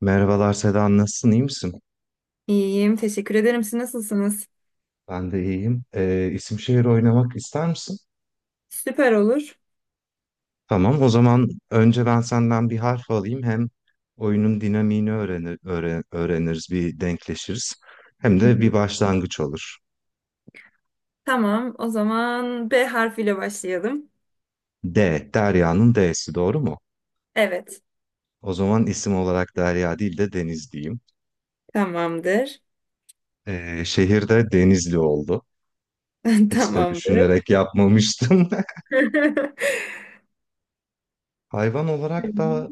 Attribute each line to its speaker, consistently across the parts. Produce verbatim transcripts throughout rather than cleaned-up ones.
Speaker 1: Merhabalar Seda, nasılsın? İyi misin?
Speaker 2: İyiyim, teşekkür ederim. Siz nasılsınız?
Speaker 1: Ben de iyiyim. Ee, isim şehir oynamak ister misin?
Speaker 2: Süper olur.
Speaker 1: Tamam, o zaman önce ben senden bir harf alayım. Hem oyunun dinamiğini öğrenir, öğre- öğreniriz, bir denkleşiriz. Hem
Speaker 2: Hı
Speaker 1: de bir
Speaker 2: hı.
Speaker 1: başlangıç olur.
Speaker 2: Tamam, o zaman B harfiyle başlayalım.
Speaker 1: D, Derya'nın D'si doğru mu?
Speaker 2: Evet,
Speaker 1: O zaman isim olarak Derya değil de Deniz diyeyim.
Speaker 2: tamamdır.
Speaker 1: Ee, şehir de Denizli oldu. Hiç de
Speaker 2: Tamamdır.
Speaker 1: düşünerek yapmamıştım. Hayvan olarak da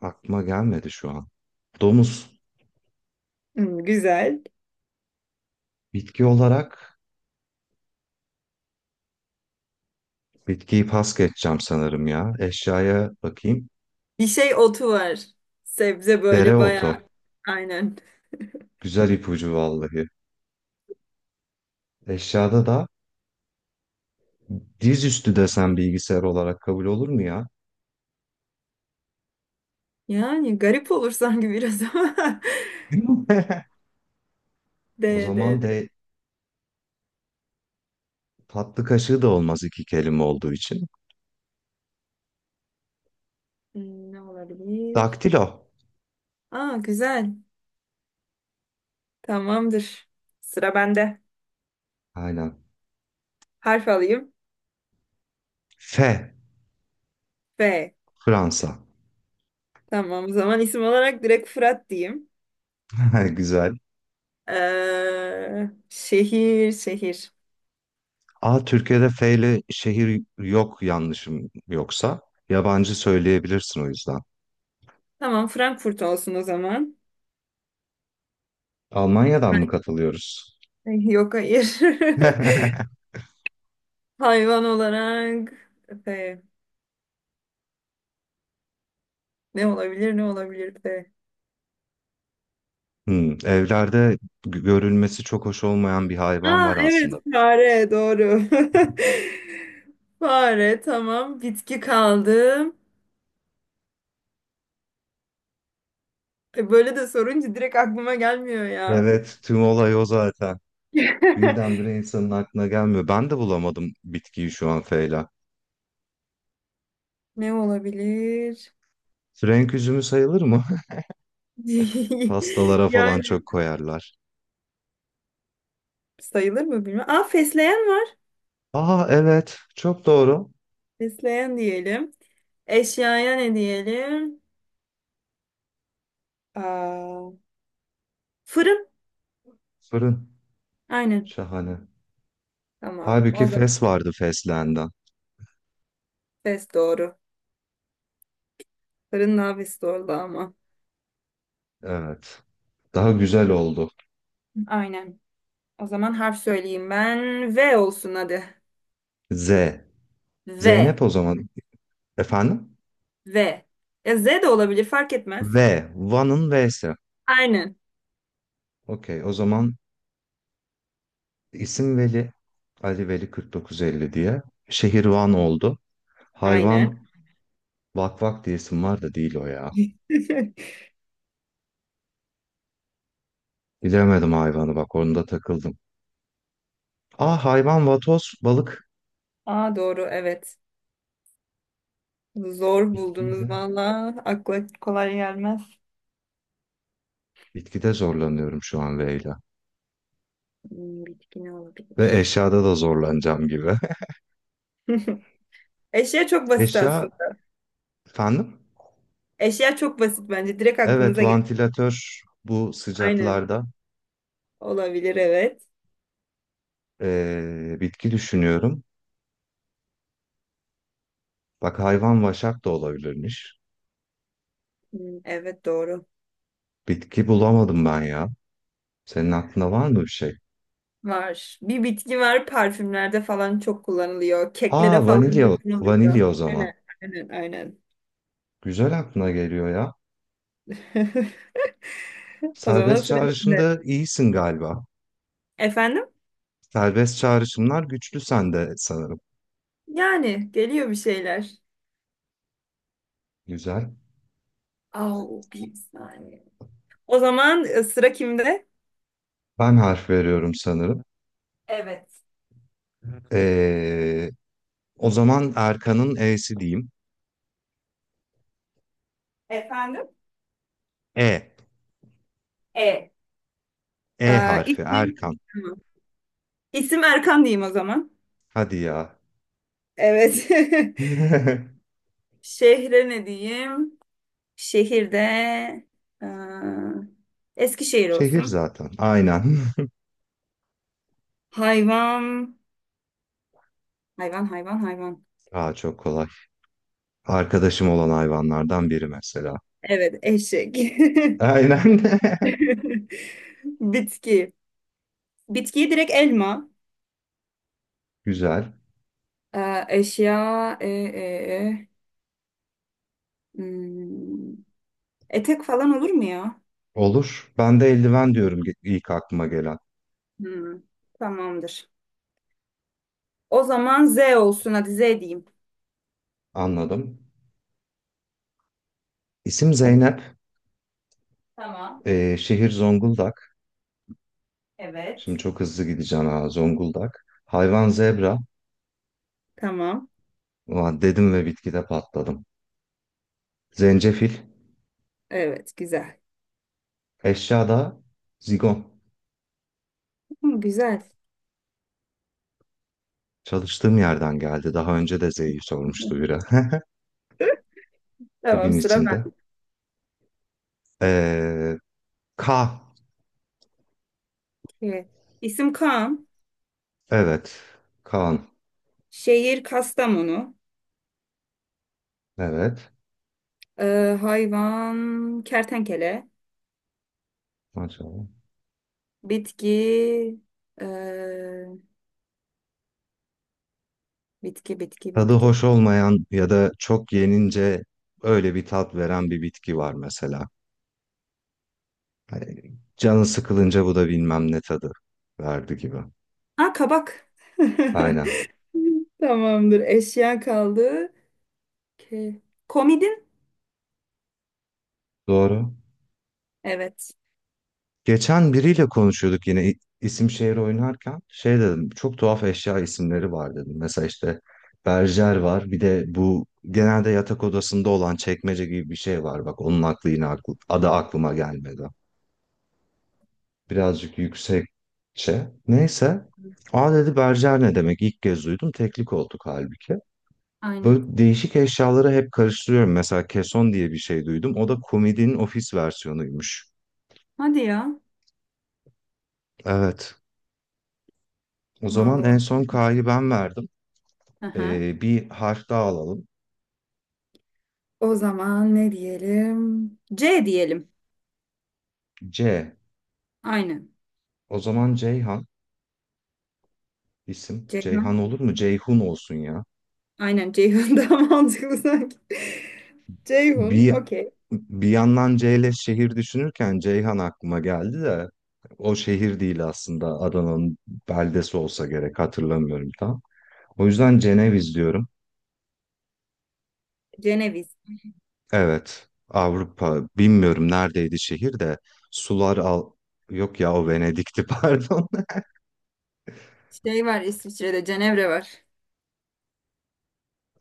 Speaker 1: aklıma gelmedi şu an. Domuz.
Speaker 2: Hmm, güzel.
Speaker 1: Bitki olarak. Bitkiyi pas geçeceğim sanırım ya. Eşyaya bakayım.
Speaker 2: Bir şey otu var. Sebze böyle bayağı
Speaker 1: Dereotu.
Speaker 2: aynen.
Speaker 1: Güzel ipucu vallahi. Eşyada da dizüstü desem bilgisayar olarak kabul olur mu ya?
Speaker 2: Yani garip olur sanki biraz ama.
Speaker 1: O
Speaker 2: D, D,
Speaker 1: zaman
Speaker 2: D.
Speaker 1: de tatlı kaşığı da olmaz iki kelime olduğu için.
Speaker 2: Hmm, ne olabilir?
Speaker 1: Daktilo.
Speaker 2: Aa, güzel. Tamamdır. Sıra bende.
Speaker 1: Aynen.
Speaker 2: Harf alayım.
Speaker 1: F.
Speaker 2: B.
Speaker 1: Fransa.
Speaker 2: Tamam, o zaman isim olarak direkt Fırat diyeyim.
Speaker 1: Güzel.
Speaker 2: Ee, şehir, şehir.
Speaker 1: A. Türkiye'de F ile şehir yok yanlışım yoksa. Yabancı söyleyebilirsin o yüzden.
Speaker 2: Tamam, Frankfurt olsun o zaman.
Speaker 1: Almanya'dan mı katılıyoruz?
Speaker 2: Ay, yok hayır. Hayvan olarak F. Ne olabilir, ne olabilir F?
Speaker 1: Hmm, evlerde g- görülmesi çok hoş olmayan bir hayvan
Speaker 2: Aa
Speaker 1: var
Speaker 2: evet,
Speaker 1: aslında.
Speaker 2: fare doğru. Fare, tamam, bitki kaldı. E, Böyle de sorunca direkt aklıma gelmiyor ya.
Speaker 1: Evet, tüm olay o zaten. Birdenbire insanın aklına gelmiyor. Ben de bulamadım bitkiyi şu an Feyla.
Speaker 2: Ne olabilir?
Speaker 1: Frenk üzümü sayılır mı? Pastalara falan
Speaker 2: Yani
Speaker 1: çok koyarlar.
Speaker 2: sayılır mı bilmiyorum. Aa, fesleğen var.
Speaker 1: Aa evet, çok doğru.
Speaker 2: Besleyen diyelim. Eşyaya ne diyelim? Aa, fırın.
Speaker 1: Fırın.
Speaker 2: Aynen.
Speaker 1: Şahane.
Speaker 2: Tamam.
Speaker 1: Halbuki
Speaker 2: O zaman
Speaker 1: fes vardı feslenden.
Speaker 2: ses doğru. Fırın nafis doğru ama.
Speaker 1: Evet. Daha güzel oldu.
Speaker 2: Aynen. O zaman harf söyleyeyim ben. V olsun hadi.
Speaker 1: Z.
Speaker 2: V.
Speaker 1: Zeynep o zaman. Efendim?
Speaker 2: V. Ya Z de olabilir, fark etmez.
Speaker 1: V. Van'ın V'si.
Speaker 2: Aynen.
Speaker 1: Okey, o zaman İsim Veli, Ali Veli kırk dokuz elli diye. Şehirvan oldu.
Speaker 2: Aynen.
Speaker 1: Hayvan Vak Vak diye isim var da değil o ya. Bilemedim hayvanı bak onda takıldım. Aa hayvan vatoz, balık.
Speaker 2: Aa doğru, evet. Zor buldunuz
Speaker 1: Bitkiyle.
Speaker 2: valla. Akla kolay gelmez.
Speaker 1: Bitkide zorlanıyorum şu an V ile.
Speaker 2: Hmm, bitki ne
Speaker 1: Ve
Speaker 2: olabilir?
Speaker 1: eşyada da zorlanacağım gibi.
Speaker 2: Eşya çok basit
Speaker 1: Eşya
Speaker 2: aslında.
Speaker 1: efendim?
Speaker 2: Eşya çok basit bence. Direkt
Speaker 1: Evet
Speaker 2: aklınıza gelir.
Speaker 1: vantilatör bu
Speaker 2: Aynen.
Speaker 1: sıcaklarda.
Speaker 2: Olabilir, evet.
Speaker 1: Ee, bitki düşünüyorum. Bak hayvan vaşak da olabilirmiş.
Speaker 2: Hmm, evet doğru.
Speaker 1: Bitki bulamadım ben ya. Senin aklında var mı bir şey?
Speaker 2: Var. Bir bitki var, parfümlerde falan çok kullanılıyor.
Speaker 1: Aa
Speaker 2: Keklere falan
Speaker 1: vanilya,
Speaker 2: da
Speaker 1: vanilya
Speaker 2: kullanılıyor.
Speaker 1: o zaman.
Speaker 2: Aynen. Aynen. Aynen.
Speaker 1: Güzel aklına geliyor ya.
Speaker 2: O zaman
Speaker 1: Serbest
Speaker 2: sıra bende.
Speaker 1: çağrışımda iyisin galiba.
Speaker 2: Efendim?
Speaker 1: Serbest çağrışımlar güçlü sende sanırım.
Speaker 2: Yani geliyor bir şeyler.
Speaker 1: Güzel.
Speaker 2: Au, bir saniye. O zaman e, sıra kimde?
Speaker 1: Ben harf veriyorum sanırım.
Speaker 2: Evet.
Speaker 1: Ee, o zaman Erkan'ın E'si diyeyim.
Speaker 2: Efendim?
Speaker 1: E.
Speaker 2: E.
Speaker 1: E
Speaker 2: Ee,
Speaker 1: harfi
Speaker 2: isim.
Speaker 1: Erkan.
Speaker 2: Tamam. İsim Erkan diyeyim o zaman.
Speaker 1: Hadi ya.
Speaker 2: Evet. Şehre ne diyeyim? Şehirde e, Eskişehir
Speaker 1: Şehir
Speaker 2: olsun.
Speaker 1: zaten. Aynen.
Speaker 2: Hayvan, hayvan, hayvan, hayvan.
Speaker 1: Aa çok kolay. Arkadaşım olan hayvanlardan biri mesela.
Speaker 2: Evet, eşek.
Speaker 1: Aynen.
Speaker 2: Bitki. Bitkiyi direkt elma.
Speaker 1: Güzel.
Speaker 2: E, eşya, e, e, e. Hmm, etek falan olur mu ya?
Speaker 1: Olur. Ben de eldiven diyorum ilk aklıma gelen.
Speaker 2: Hmm, tamamdır. O zaman Z olsun. Hadi Z diyeyim.
Speaker 1: Anladım. İsim Zeynep.
Speaker 2: Tamam.
Speaker 1: Ee, şehir Zonguldak. Şimdi
Speaker 2: Evet.
Speaker 1: çok hızlı gideceğim ha Zonguldak. Hayvan zebra.
Speaker 2: Tamam.
Speaker 1: Ulan dedim ve bitkide patladım. Zencefil.
Speaker 2: Evet, güzel.
Speaker 1: Eşya da zigon.
Speaker 2: Hı, güzel.
Speaker 1: Çalıştığım yerden geldi. Daha önce de Z'yi sormuştu biri.
Speaker 2: Tamam,
Speaker 1: Bugün
Speaker 2: sıra
Speaker 1: içinde.
Speaker 2: bende.
Speaker 1: Ee, K.
Speaker 2: Peki. İsim Kaan.
Speaker 1: Evet. Kaan.
Speaker 2: Şehir Kastamonu.
Speaker 1: Evet.
Speaker 2: Ee, hayvan kertenkele.
Speaker 1: Maşallah.
Speaker 2: Bitki ee, bitki bitki
Speaker 1: Tadı
Speaker 2: bitki.
Speaker 1: hoş olmayan ya da çok yenince öyle bir tat veren bir bitki var mesela. Hani canı sıkılınca bu da bilmem ne tadı verdi gibi.
Speaker 2: Aa, kabak.
Speaker 1: Aynen.
Speaker 2: Tamamdır. Eşya kaldı. Ke- Komidin.
Speaker 1: Doğru.
Speaker 2: Evet.
Speaker 1: Geçen biriyle konuşuyorduk yine i- isim şehir oynarken. Şey dedim, çok tuhaf eşya isimleri var dedim. Mesela işte berjer var. Bir de bu genelde yatak odasında olan çekmece gibi bir şey var. Bak onun aklı yine aklı, adı aklıma gelmedi. Birazcık yüksekçe. Neyse. Aa dedi berjer ne demek? İlk kez duydum. Teklik olduk halbuki.
Speaker 2: Aynen.
Speaker 1: Böyle değişik eşyaları hep karıştırıyorum. Mesela keson diye bir şey duydum. O da komedinin ofis versiyonuymuş.
Speaker 2: Hadi ya.
Speaker 1: Evet. O zaman en
Speaker 2: Vallahi.
Speaker 1: son K'yı ben verdim.
Speaker 2: Aha.
Speaker 1: Ee, bir harf daha alalım.
Speaker 2: O zaman ne diyelim? C diyelim.
Speaker 1: C.
Speaker 2: Aynen.
Speaker 1: O zaman Ceyhan isim. Ceyhan
Speaker 2: Ceyhun.
Speaker 1: olur mu? Ceyhun olsun ya.
Speaker 2: Aynen, Ceyhun daha mantıklı sanki. Ceyhun.
Speaker 1: Bir
Speaker 2: Okey.
Speaker 1: bir yandan C ile şehir düşünürken Ceyhan aklıma geldi de o şehir değil aslında Adana'nın beldesi olsa gerek hatırlamıyorum tam. O yüzden Ceneviz diyorum.
Speaker 2: Ceneviz.
Speaker 1: Evet, Avrupa bilmiyorum neredeydi şehir de sular al yok ya o Venedik'ti pardon.
Speaker 2: Şey var, İsviçre'de Cenevre var.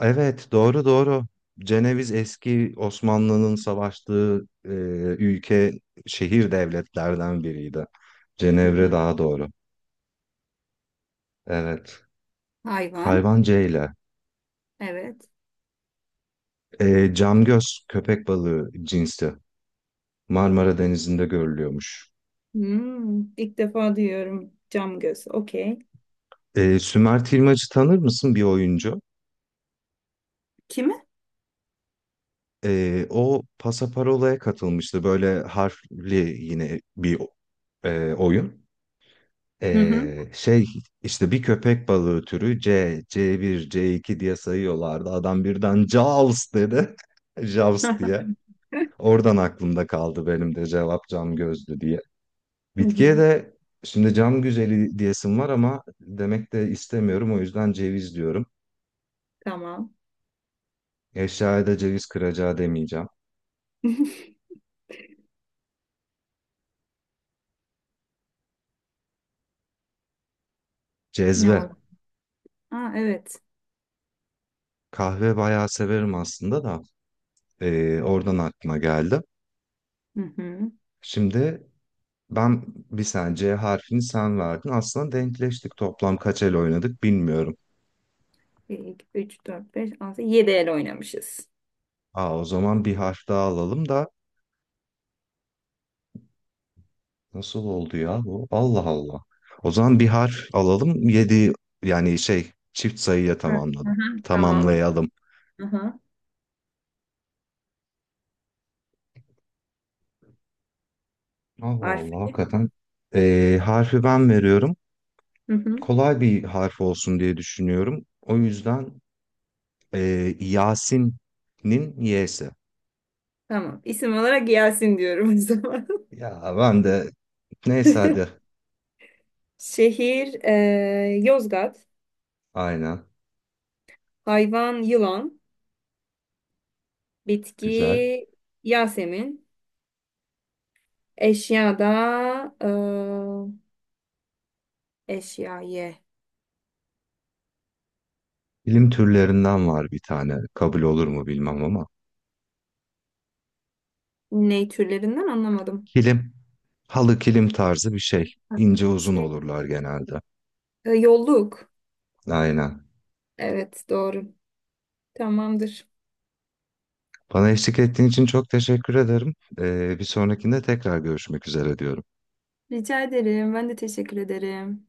Speaker 1: Evet doğru doğru. Ceneviz eski Osmanlı'nın savaştığı e, ülke şehir devletlerden biriydi.
Speaker 2: Hı
Speaker 1: Cenevre
Speaker 2: hı.
Speaker 1: daha doğru. Evet.
Speaker 2: Hayvan.
Speaker 1: Hayvan C ile.
Speaker 2: Evet.
Speaker 1: E, camgöz köpek balığı cinsi. Marmara Denizi'nde görülüyormuş.
Speaker 2: Hmm, ilk defa duyuyorum cam göz. Okey.
Speaker 1: E, Sümer Tilmacı tanır mısın bir oyuncu?
Speaker 2: Kimi?
Speaker 1: Ee, o Pasaparola'ya katılmıştı. Böyle harfli yine bir e, oyun.
Speaker 2: Hı hı.
Speaker 1: Ee, şey işte bir köpek balığı türü C, C1, C iki diye sayıyorlardı. Adam birden Jaws dedi. Jaws diye. Oradan aklımda kaldı benim de cevap cam gözlü diye.
Speaker 2: Hı hı.
Speaker 1: Bitkiye de şimdi cam güzeli diyesim var ama demek de istemiyorum. O yüzden ceviz diyorum.
Speaker 2: Tamam.
Speaker 1: Eşyaya da ceviz kıracağı demeyeceğim.
Speaker 2: Ne var?
Speaker 1: Cezve.
Speaker 2: Aa, evet.
Speaker 1: Kahve bayağı severim aslında da. Ee, oradan aklıma geldi.
Speaker 2: Hı hı.
Speaker 1: Şimdi ben bir sen C harfini sen verdin. Aslında denkleştik. Toplam kaç el oynadık bilmiyorum.
Speaker 2: bir, iki, üç, dört, beş, altı, yedi el oynamışız.
Speaker 1: Aa, o zaman bir harf daha alalım da nasıl oldu ya bu? Allah Allah. O zaman bir harf alalım. Yedi yani şey çift sayıya
Speaker 2: Hı hı.
Speaker 1: tamamladım.
Speaker 2: Hı. Tamamdır.
Speaker 1: Tamamlayalım.
Speaker 2: Hı hı.
Speaker 1: Allah
Speaker 2: Harf.
Speaker 1: Allah hakikaten. Ee, harfi ben veriyorum.
Speaker 2: Hı hı.
Speaker 1: Kolay bir harf olsun diye düşünüyorum. O yüzden ee, Yasin'in Y'si.
Speaker 2: Tamam. İsim olarak Yasin diyorum o zaman.
Speaker 1: Ya ben de. Neyse hadi.
Speaker 2: Şehir eee, Yozgat.
Speaker 1: Aynen.
Speaker 2: Hayvan yılan. Bitki
Speaker 1: Güzel.
Speaker 2: Yasemin. Eşyada e, eşya ye.
Speaker 1: Kilim türlerinden var bir tane. Kabul olur mu bilmem ama.
Speaker 2: Ne türlerinden anlamadım.
Speaker 1: Kilim. Halı kilim tarzı bir şey.
Speaker 2: Ha.
Speaker 1: İnce uzun
Speaker 2: Şey,
Speaker 1: olurlar genelde.
Speaker 2: e, yolluk.
Speaker 1: Aynen.
Speaker 2: Evet doğru. Tamamdır.
Speaker 1: Bana eşlik ettiğin için çok teşekkür ederim. Ee, bir sonrakinde tekrar görüşmek üzere diyorum.
Speaker 2: Rica ederim. Ben de teşekkür ederim.